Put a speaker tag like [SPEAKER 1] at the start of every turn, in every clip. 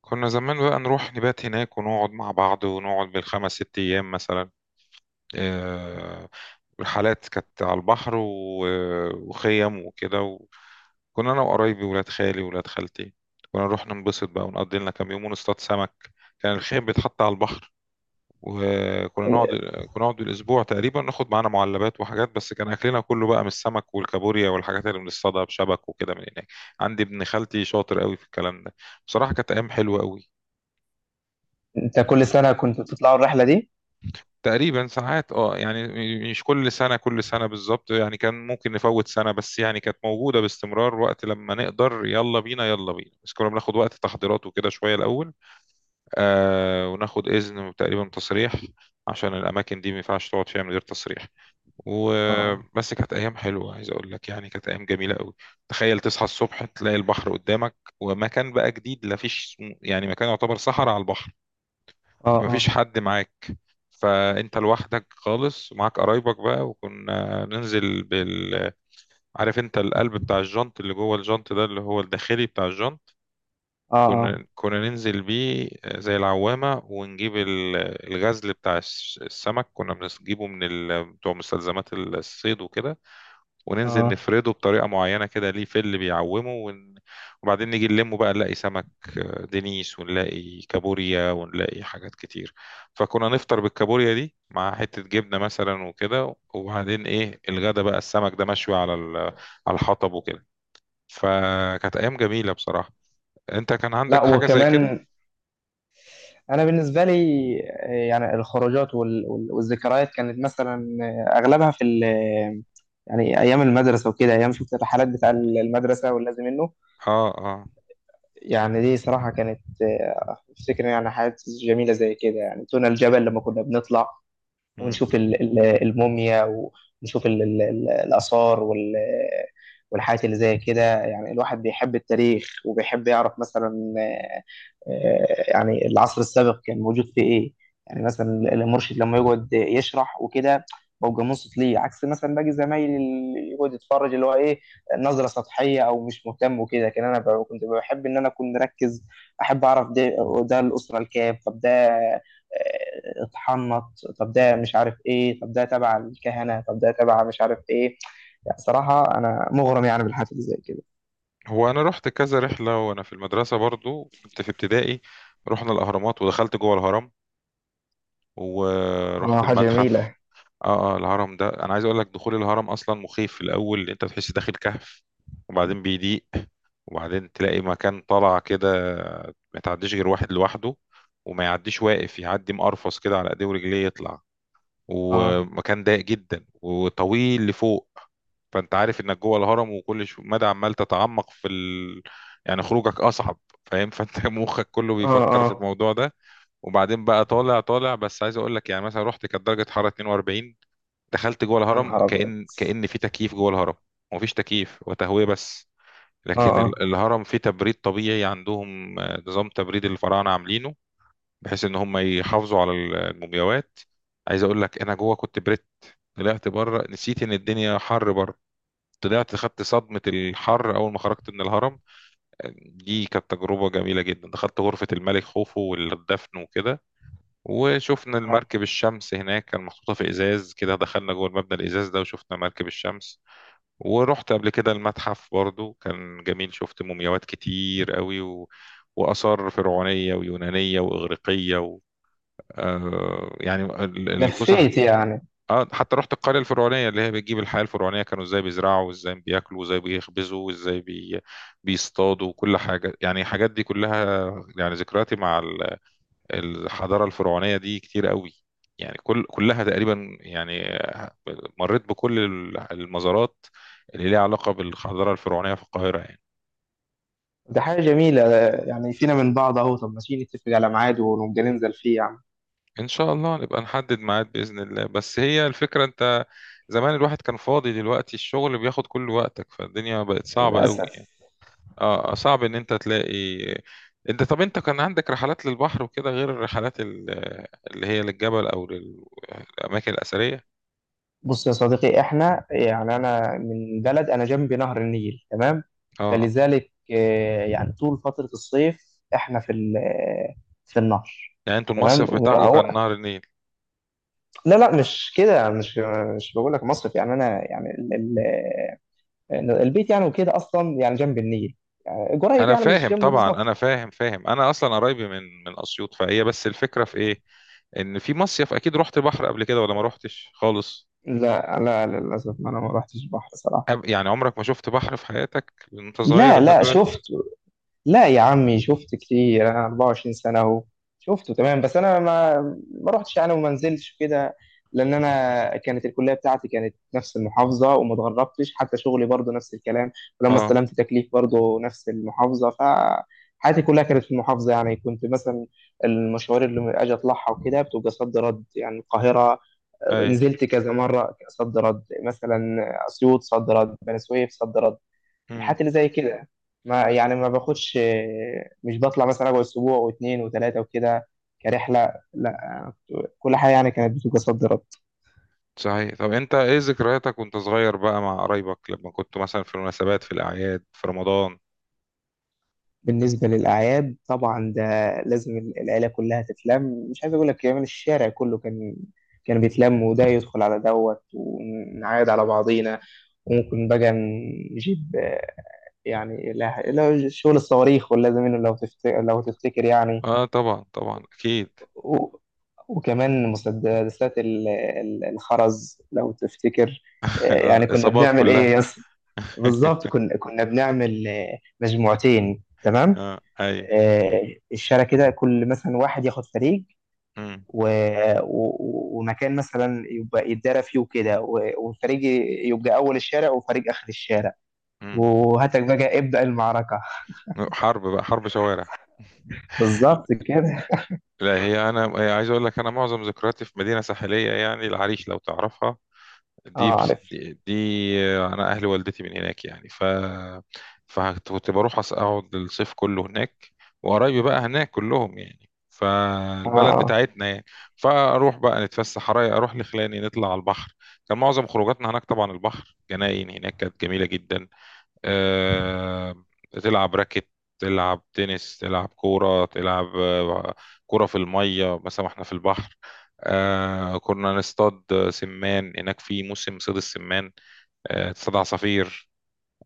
[SPEAKER 1] كنا زمان بقى نروح نبات هناك ونقعد مع بعض ونقعد بالخمس ست أيام مثلا. آه، الحالات كانت على البحر وخيم وكده كنا أنا وقرايبي ولاد خالي ولاد خالتي. كنا نروح ننبسط بقى ونقضي لنا كام يوم ونصطاد سمك. كان الخيم بيتحط على البحر وكنا نقعد كنا نقعد الأسبوع تقريبا، ناخد معانا معلبات وحاجات، بس كان أكلنا كله بقى من السمك والكابوريا والحاجات اللي بنصطادها بشبك وكده من هناك. عندي ابن خالتي شاطر قوي في الكلام ده. بصراحة كانت أيام حلوة قوي.
[SPEAKER 2] انت كل سنة كنت بتطلعوا الرحلة دي؟
[SPEAKER 1] تقريبا ساعات اه مش كل سنة بالظبط، يعني كان ممكن نفوت سنة، بس يعني كانت موجودة باستمرار وقت لما نقدر، يلا بينا يلا بينا، بس كنا بناخد وقت تحضيرات وكده شوية الأول. آه، وناخد إذن تقريبا تصريح، عشان الأماكن دي ما ينفعش تقعد فيها من غير تصريح.
[SPEAKER 2] اه،
[SPEAKER 1] وبس كانت أيام حلوة، عايز أقول لك يعني كانت أيام جميلة قوي. تخيل تصحى الصبح تلاقي البحر قدامك ومكان بقى جديد، لا فيش يعني مكان، يعتبر صحراء على البحر.
[SPEAKER 2] اه،
[SPEAKER 1] فمفيش
[SPEAKER 2] اه،
[SPEAKER 1] حد معاك، فانت لوحدك خالص ومعاك قرايبك بقى. وكنا ننزل عارف انت القلب بتاع الجنط اللي جوه الجنط ده اللي هو الداخلي بتاع الجنط؟
[SPEAKER 2] اه، اه،
[SPEAKER 1] كنا ننزل بيه زي العوامة، ونجيب الغزل بتاع السمك، كنا بنجيبه من بتوع مستلزمات الصيد وكده، وننزل
[SPEAKER 2] آه.
[SPEAKER 1] نفرده بطريقة معينة كده ليه، فل بيعومه وبعدين نيجي نلمه بقى، نلاقي سمك دينيس، ونلاقي كابوريا، ونلاقي حاجات كتير. فكنا نفطر بالكابوريا دي مع حتة جبنة مثلا وكده، وبعدين ايه الغدا بقى، السمك ده مشوي على على الحطب وكده. فكانت ايام جميلة بصراحة. انت كان
[SPEAKER 2] لا،
[SPEAKER 1] عندك حاجة زي كده؟
[SPEAKER 2] وكمان انا بالنسبة لي يعني الخروجات والذكريات كانت مثلا، اغلبها يعني ايام المدرسة وكده، ايام شفت الرحلات بتاع المدرسة واللازم منه.
[SPEAKER 1] اه اه.
[SPEAKER 2] يعني دي صراحة كانت، افتكر يعني حاجات جميلة زي كده. يعني طلعنا الجبل لما كنا بنطلع
[SPEAKER 1] مم.
[SPEAKER 2] ونشوف الموميا، ونشوف الآثار والحاجات اللي زي كده. يعني الواحد بيحب التاريخ وبيحب يعرف مثلا، يعني العصر السابق كان موجود في ايه. يعني مثلا المرشد لما يقعد يشرح وكده، ببقى منصت ليه، عكس مثلا باقي زمايلي اللي يقعد يتفرج، اللي هو ايه، نظره سطحيه او مش مهتم وكده. لكن انا كنت بحب ان انا اكون مركز، احب اعرف ده، ده الاسره الكام، طب ده اتحنط، طب ده مش عارف ايه، طب ده تبع الكهنه، طب ده تبع مش عارف ايه. يعني صراحه انا مغرم يعني بالحاجات اللي زي كده.
[SPEAKER 1] هو انا رحت كذا رحلة وانا في المدرسة، برضو كنت في ابتدائي. رحنا الاهرامات ودخلت جوه الهرم،
[SPEAKER 2] اه،
[SPEAKER 1] ورحت
[SPEAKER 2] حاجه
[SPEAKER 1] المتحف.
[SPEAKER 2] جميله.
[SPEAKER 1] اه اه. الهرم ده انا عايز اقول لك، دخول الهرم اصلا مخيف في الاول، انت بتحس داخل كهف، وبعدين بيضيق، وبعدين تلاقي مكان طالع كده، ما تعديش غير واحد لوحده، وما يعديش واقف، يعدي مقرفص كده على ايديه ورجليه يطلع،
[SPEAKER 2] اه،
[SPEAKER 1] ومكان ضيق جدا وطويل لفوق. فانت عارف انك جوه الهرم، وكل مدى عمال تتعمق في يعني خروجك اصعب، فاهم؟ فانت مخك كله
[SPEAKER 2] اه،
[SPEAKER 1] بيفكر في
[SPEAKER 2] اه.
[SPEAKER 1] الموضوع ده. وبعدين بقى طالع طالع، بس عايز اقول لك يعني مثلا رحت كانت درجه حراره 42، دخلت جوه
[SPEAKER 2] يا
[SPEAKER 1] الهرم
[SPEAKER 2] نهار ابيض!
[SPEAKER 1] كأن في تكييف جوه الهرم، ومفيش تكييف وتهوية، بس
[SPEAKER 2] اه،
[SPEAKER 1] لكن
[SPEAKER 2] اه،
[SPEAKER 1] الهرم فيه تبريد طبيعي عندهم. آه، نظام تبريد الفراعنة عاملينه، بحيث ان هم يحافظوا على المومياوات. عايز اقول لك انا جوه كنت بريت، طلعت بره نسيت ان الدنيا حر بره، طلعت خدت صدمة الحر أول ما خرجت من الهرم. دي كانت تجربة جميلة جدا. دخلت غرفة الملك خوفو والدفن وكده، وشفنا
[SPEAKER 2] اه.
[SPEAKER 1] المركب الشمس هناك، كان محطوطة في إزاز كده، دخلنا جوه المبنى الإزاز ده وشفنا مركب الشمس. ورحت قبل كده المتحف برضو، كان جميل، شفت مومياوات كتير قوي وآثار فرعونية ويونانية وإغريقية آه يعني الفسح.
[SPEAKER 2] لفيت يعني.
[SPEAKER 1] آه، حتى رحت القرية الفرعونية اللي هي بتجيب الحياة الفرعونية، كانوا ازاي بيزرعوا وازاي بياكلوا وازاي بيخبزوا بيصطادوا وكل حاجة، يعني الحاجات دي كلها. يعني ذكرياتي مع الحضارة الفرعونية دي كتير قوي، يعني كلها تقريبا يعني. مريت بكل المزارات اللي ليها علاقة بالحضارة الفرعونية في القاهرة يعني.
[SPEAKER 2] ده حاجة جميلة، يعني فينا من بعض اهو. طب ماشي، نتفق على ميعاد ونبقى ننزل فيه يعني.
[SPEAKER 1] إن شاء الله نبقى نحدد ميعاد بإذن الله، بس هي الفكرة أنت زمان الواحد كان فاضي، دلوقتي الشغل بياخد كل وقتك، فالدنيا بقت صعبة قوي يعني.
[SPEAKER 2] للأسف.
[SPEAKER 1] اه، آه، صعب إن أنت تلاقي. أنت طب أنت كان عندك رحلات للبحر وكده غير الرحلات اللي هي للجبل أو للأماكن الأثرية؟
[SPEAKER 2] بص يا صديقي، احنا يعني انا من بلد، انا جنبي نهر النيل، تمام.
[SPEAKER 1] اه.
[SPEAKER 2] فلذلك يعني طول فترة الصيف احنا في ال- آه، في النهر.
[SPEAKER 1] يعني انتوا
[SPEAKER 2] تمام
[SPEAKER 1] المصيف بتاعكم كان
[SPEAKER 2] وهو،
[SPEAKER 1] نهر النيل؟
[SPEAKER 2] لا لا، مش كده، مش بقول لك مصيف. يعني انا، يعني البيت يعني وكده، اصلا يعني جنب النيل. يعني قريب،
[SPEAKER 1] انا
[SPEAKER 2] يعني مش
[SPEAKER 1] فاهم
[SPEAKER 2] جنبه
[SPEAKER 1] طبعا،
[SPEAKER 2] بالظبط.
[SPEAKER 1] انا فاهم انا اصلا قرايبي من اسيوط، فهي بس الفكره في ايه، ان في مصيف اكيد رحت بحر قبل كده ولا ما رحتش خالص؟
[SPEAKER 2] لا لا، للأسف أنا ما رحتش البحر صراحة.
[SPEAKER 1] يعني عمرك ما شفت بحر في حياتك وانت صغير
[SPEAKER 2] لا
[SPEAKER 1] لحد
[SPEAKER 2] لا،
[SPEAKER 1] دلوقتي؟
[SPEAKER 2] شفت. لا يا عمي، شفت كتير، أنا 24 سنة أهو. شفته تمام، بس أنا ما رحتش يعني وما نزلتش كده. لأن أنا كانت الكلية بتاعتي كانت نفس المحافظة، وما اتغربتش. حتى شغلي برضه نفس الكلام، ولما
[SPEAKER 1] اه
[SPEAKER 2] استلمت تكليف برضه نفس المحافظة. فحياتي كلها كانت في المحافظة. يعني كنت مثلا المشوار اللي أجي أطلعها وكده بتبقى صد رد، يعني القاهرة.
[SPEAKER 1] اي.
[SPEAKER 2] نزلت كذا مره صد رد، مثلا اسيوط صد رد، بني سويف صد رد.
[SPEAKER 1] امم.
[SPEAKER 2] الحاجات اللي زي كده، ما يعني ما باخدش، مش بطلع مثلا اقعد اسبوع واثنين وثلاثه وكده كرحله، لا. كل حاجه يعني كانت بتبقى صد رد.
[SPEAKER 1] صحيح، طب انت ايه ذكرياتك وانت صغير بقى مع قرايبك، لما كنت مثلا في المناسبات في الاعياد في رمضان؟
[SPEAKER 2] بالنسبة للأعياد طبعا، ده لازم العيلة كلها تتلم. مش عايز أقول لك كمان الشارع كله كان، كان بيتلم، وده يدخل على دوت ونعايد على بعضينا. وممكن بقى نجيب، يعني، لا لا شغل الصواريخ، ولا زميله لو تفتكر، لو تفتكر يعني.
[SPEAKER 1] اه طبعا طبعا اكيد.
[SPEAKER 2] و- وكمان مسدسات الخرز لو تفتكر. يعني كنا
[SPEAKER 1] الاصابات
[SPEAKER 2] بنعمل إيه
[SPEAKER 1] كلها.
[SPEAKER 2] يس. بالظبط، كنا بنعمل مجموعتين، تمام.
[SPEAKER 1] اه اي.
[SPEAKER 2] الشارع كده، كل مثلا واحد ياخد فريق،
[SPEAKER 1] امم.
[SPEAKER 2] و... و... ومكان مثلا يبقى يتدارى فيه وكده، و... وفريق يبقى اول الشارع وفريق اخر الشارع،
[SPEAKER 1] امم.
[SPEAKER 2] وهاتك بقى ابدأ المعركة.
[SPEAKER 1] حرب بقى، حرب شوارع.
[SPEAKER 2] بالظبط كده.
[SPEAKER 1] لا هي انا هي عايز اقول لك، انا معظم ذكرياتي في مدينه ساحليه، يعني العريش لو تعرفها، دي
[SPEAKER 2] اه
[SPEAKER 1] بس
[SPEAKER 2] عارف.
[SPEAKER 1] دي, دي انا اهل والدتي من هناك يعني، ف فكنت بروح اقعد الصيف كله هناك، وقرايبي بقى هناك كلهم يعني،
[SPEAKER 2] اه،
[SPEAKER 1] فالبلد
[SPEAKER 2] اه،
[SPEAKER 1] بتاعتنا يعني. فاروح بقى نتفسح رايق، اروح لخلاني نطلع على البحر، كان معظم خروجاتنا هناك طبعا البحر، جناين هناك كانت جميله جدا. آه، تلعب راكت، تلعب تنس، تلعب كورة، تلعب آه، كورة في المية مثلا احنا في البحر. آه، كنا نصطاد سمان هناك في موسم صيد السمان. آه، تصطاد عصافير.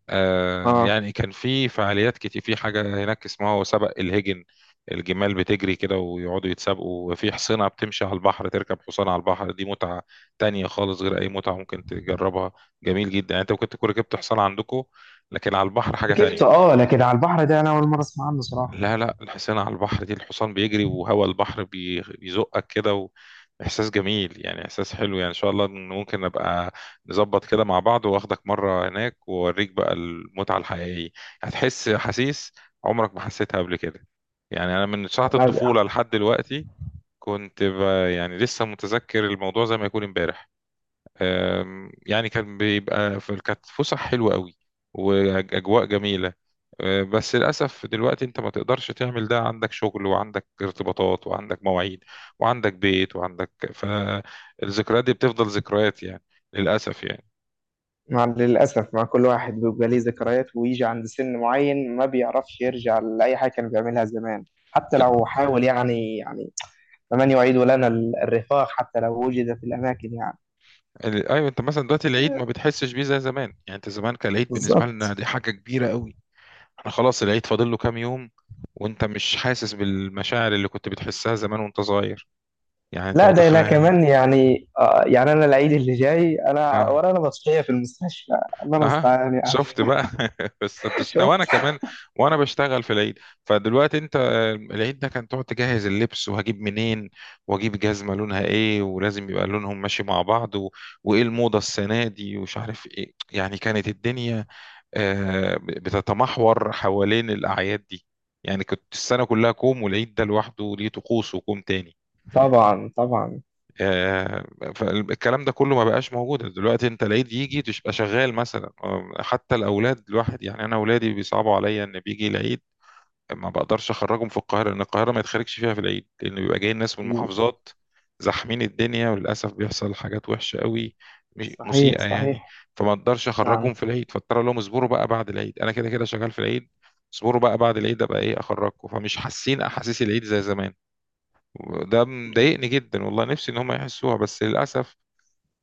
[SPEAKER 1] آه،
[SPEAKER 2] اه.
[SPEAKER 1] يعني كان في فعاليات كتير، في حاجة هناك اسمها سبق الهجن، الجمال بتجري كده ويقعدوا يتسابقوا، وفي حصينة بتمشي على البحر، تركب حصان على البحر دي متعة تانية خالص غير أي متعة ممكن تجربها. جميل جدا يعني، أنت ممكن تكون ركبت حصان عندكم، لكن على البحر حاجة
[SPEAKER 2] ركبت
[SPEAKER 1] تانية.
[SPEAKER 2] اه، لكن على البحر ده انا اول مرة اسمع عنه صراحة.
[SPEAKER 1] لا لا، الحسينة على البحر دي الحصان بيجري وهوا البحر بيزقك كده، وإحساس جميل، يعني إحساس حلو يعني. إن شاء الله إن ممكن نبقى نظبط كده مع بعض وآخدك مرة هناك، وأوريك بقى المتعة الحقيقية، هتحس أحاسيس عمرك ما حسيتها قبل كده. يعني أنا من ساعة
[SPEAKER 2] لا،
[SPEAKER 1] الطفولة لحد دلوقتي كنت ب... يعني لسه متذكر الموضوع زي ما يكون امبارح. يعني كان بيبقى في، كانت فسح حلوة قوي وأجواء جميلة. آه، بس للأسف دلوقتي أنت ما تقدرش تعمل ده، عندك شغل وعندك ارتباطات وعندك مواعيد وعندك بيت وعندك، فالذكريات دي بتفضل ذكريات يعني، للأسف يعني.
[SPEAKER 2] مع للأسف، مع كل واحد بيبقى ليه ذكريات، ويجي عند سن معين ما بيعرفش يرجع لأي حاجة كان بيعملها زمان. حتى لو حاول يعني فمن يعيد لنا الرفاق حتى لو وجد في الأماكن يعني.
[SPEAKER 1] أيوة، أنت مثلا دلوقتي العيد ما بتحسش بيه زي زمان، يعني أنت زمان كان العيد بالنسبة لنا
[SPEAKER 2] بالظبط.
[SPEAKER 1] دي حاجة كبيرة قوي. احنا خلاص العيد فاضل له كام يوم، وأنت مش حاسس بالمشاعر اللي كنت بتحسها زمان وأنت صغير، يعني أنت
[SPEAKER 2] لا ده لا
[SPEAKER 1] متخيل؟
[SPEAKER 2] كمان يعني، يعني أنا العيد اللي جاي أنا
[SPEAKER 1] اه.
[SPEAKER 2] ورانا مسرحية في المستشفى. الله
[SPEAKER 1] اها.
[SPEAKER 2] المستعان يعني.
[SPEAKER 1] شفت بقى بس بتشتغل وانا
[SPEAKER 2] شفت.
[SPEAKER 1] كمان، وانا بشتغل في العيد. فدلوقتي انت آه، العيد ده كان تقعد تجهز اللبس وهجيب منين، واجيب جزمه لونها ايه ولازم يبقى لونهم ماشي مع بعض وايه الموضه السنه دي ومش عارف ايه، يعني كانت الدنيا آه، بتتمحور حوالين الاعياد دي. يعني كنت السنه كلها كوم والعيد ده لوحده ليه طقوس وكوم تاني.
[SPEAKER 2] طبعا طبعا.
[SPEAKER 1] آه، فالكلام ده كله ما بقاش موجود دلوقتي، انت العيد يجي تبقى شغال مثلا آه، حتى الاولاد الواحد يعني انا اولادي بيصعبوا عليا ان بيجي العيد ما بقدرش اخرجهم في القاهره، لان القاهره ما يتخرجش فيها في العيد، لان بيبقى جاي الناس من محافظات زاحمين الدنيا، وللاسف بيحصل حاجات وحشه قوي،
[SPEAKER 2] صحيح
[SPEAKER 1] مسيئه يعني.
[SPEAKER 2] صحيح.
[SPEAKER 1] فما اقدرش اخرجهم
[SPEAKER 2] نعم.
[SPEAKER 1] في العيد، فاضطر أقول لهم اصبروا بقى بعد العيد، انا كده كده شغال في العيد، اصبروا بقى بعد العيد ابقى ايه اخرجكم، فمش حاسين احاسيس العيد زي زمان. ده مضايقني جدا والله، نفسي ان هم يحسوها بس للاسف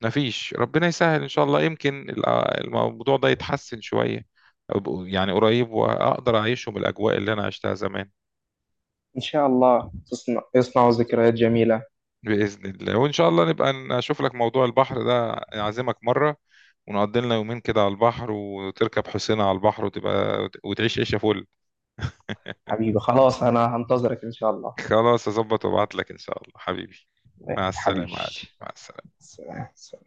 [SPEAKER 1] مفيش. ربنا يسهل ان شاء الله، يمكن الموضوع ده يتحسن شويه، يعني قريب واقدر اعيشهم الاجواء اللي انا عشتها زمان.
[SPEAKER 2] إن شاء الله تصنع، يصنع ذكريات جميلة.
[SPEAKER 1] باذن الله، وان شاء الله نبقى نشوف لك موضوع البحر ده، اعزمك مره ونقضي لنا يومين كده على البحر، وتركب حسينة على البحر، وتبقى وتعيش عيشه فل.
[SPEAKER 2] حبيبي خلاص، أنا هنتظرك إن شاء الله.
[SPEAKER 1] خلاص اظبط وابعت لك ان شاء الله حبيبي. مع
[SPEAKER 2] حبيبي.
[SPEAKER 1] السلامه يا علي. مع السلامه.
[SPEAKER 2] سلام.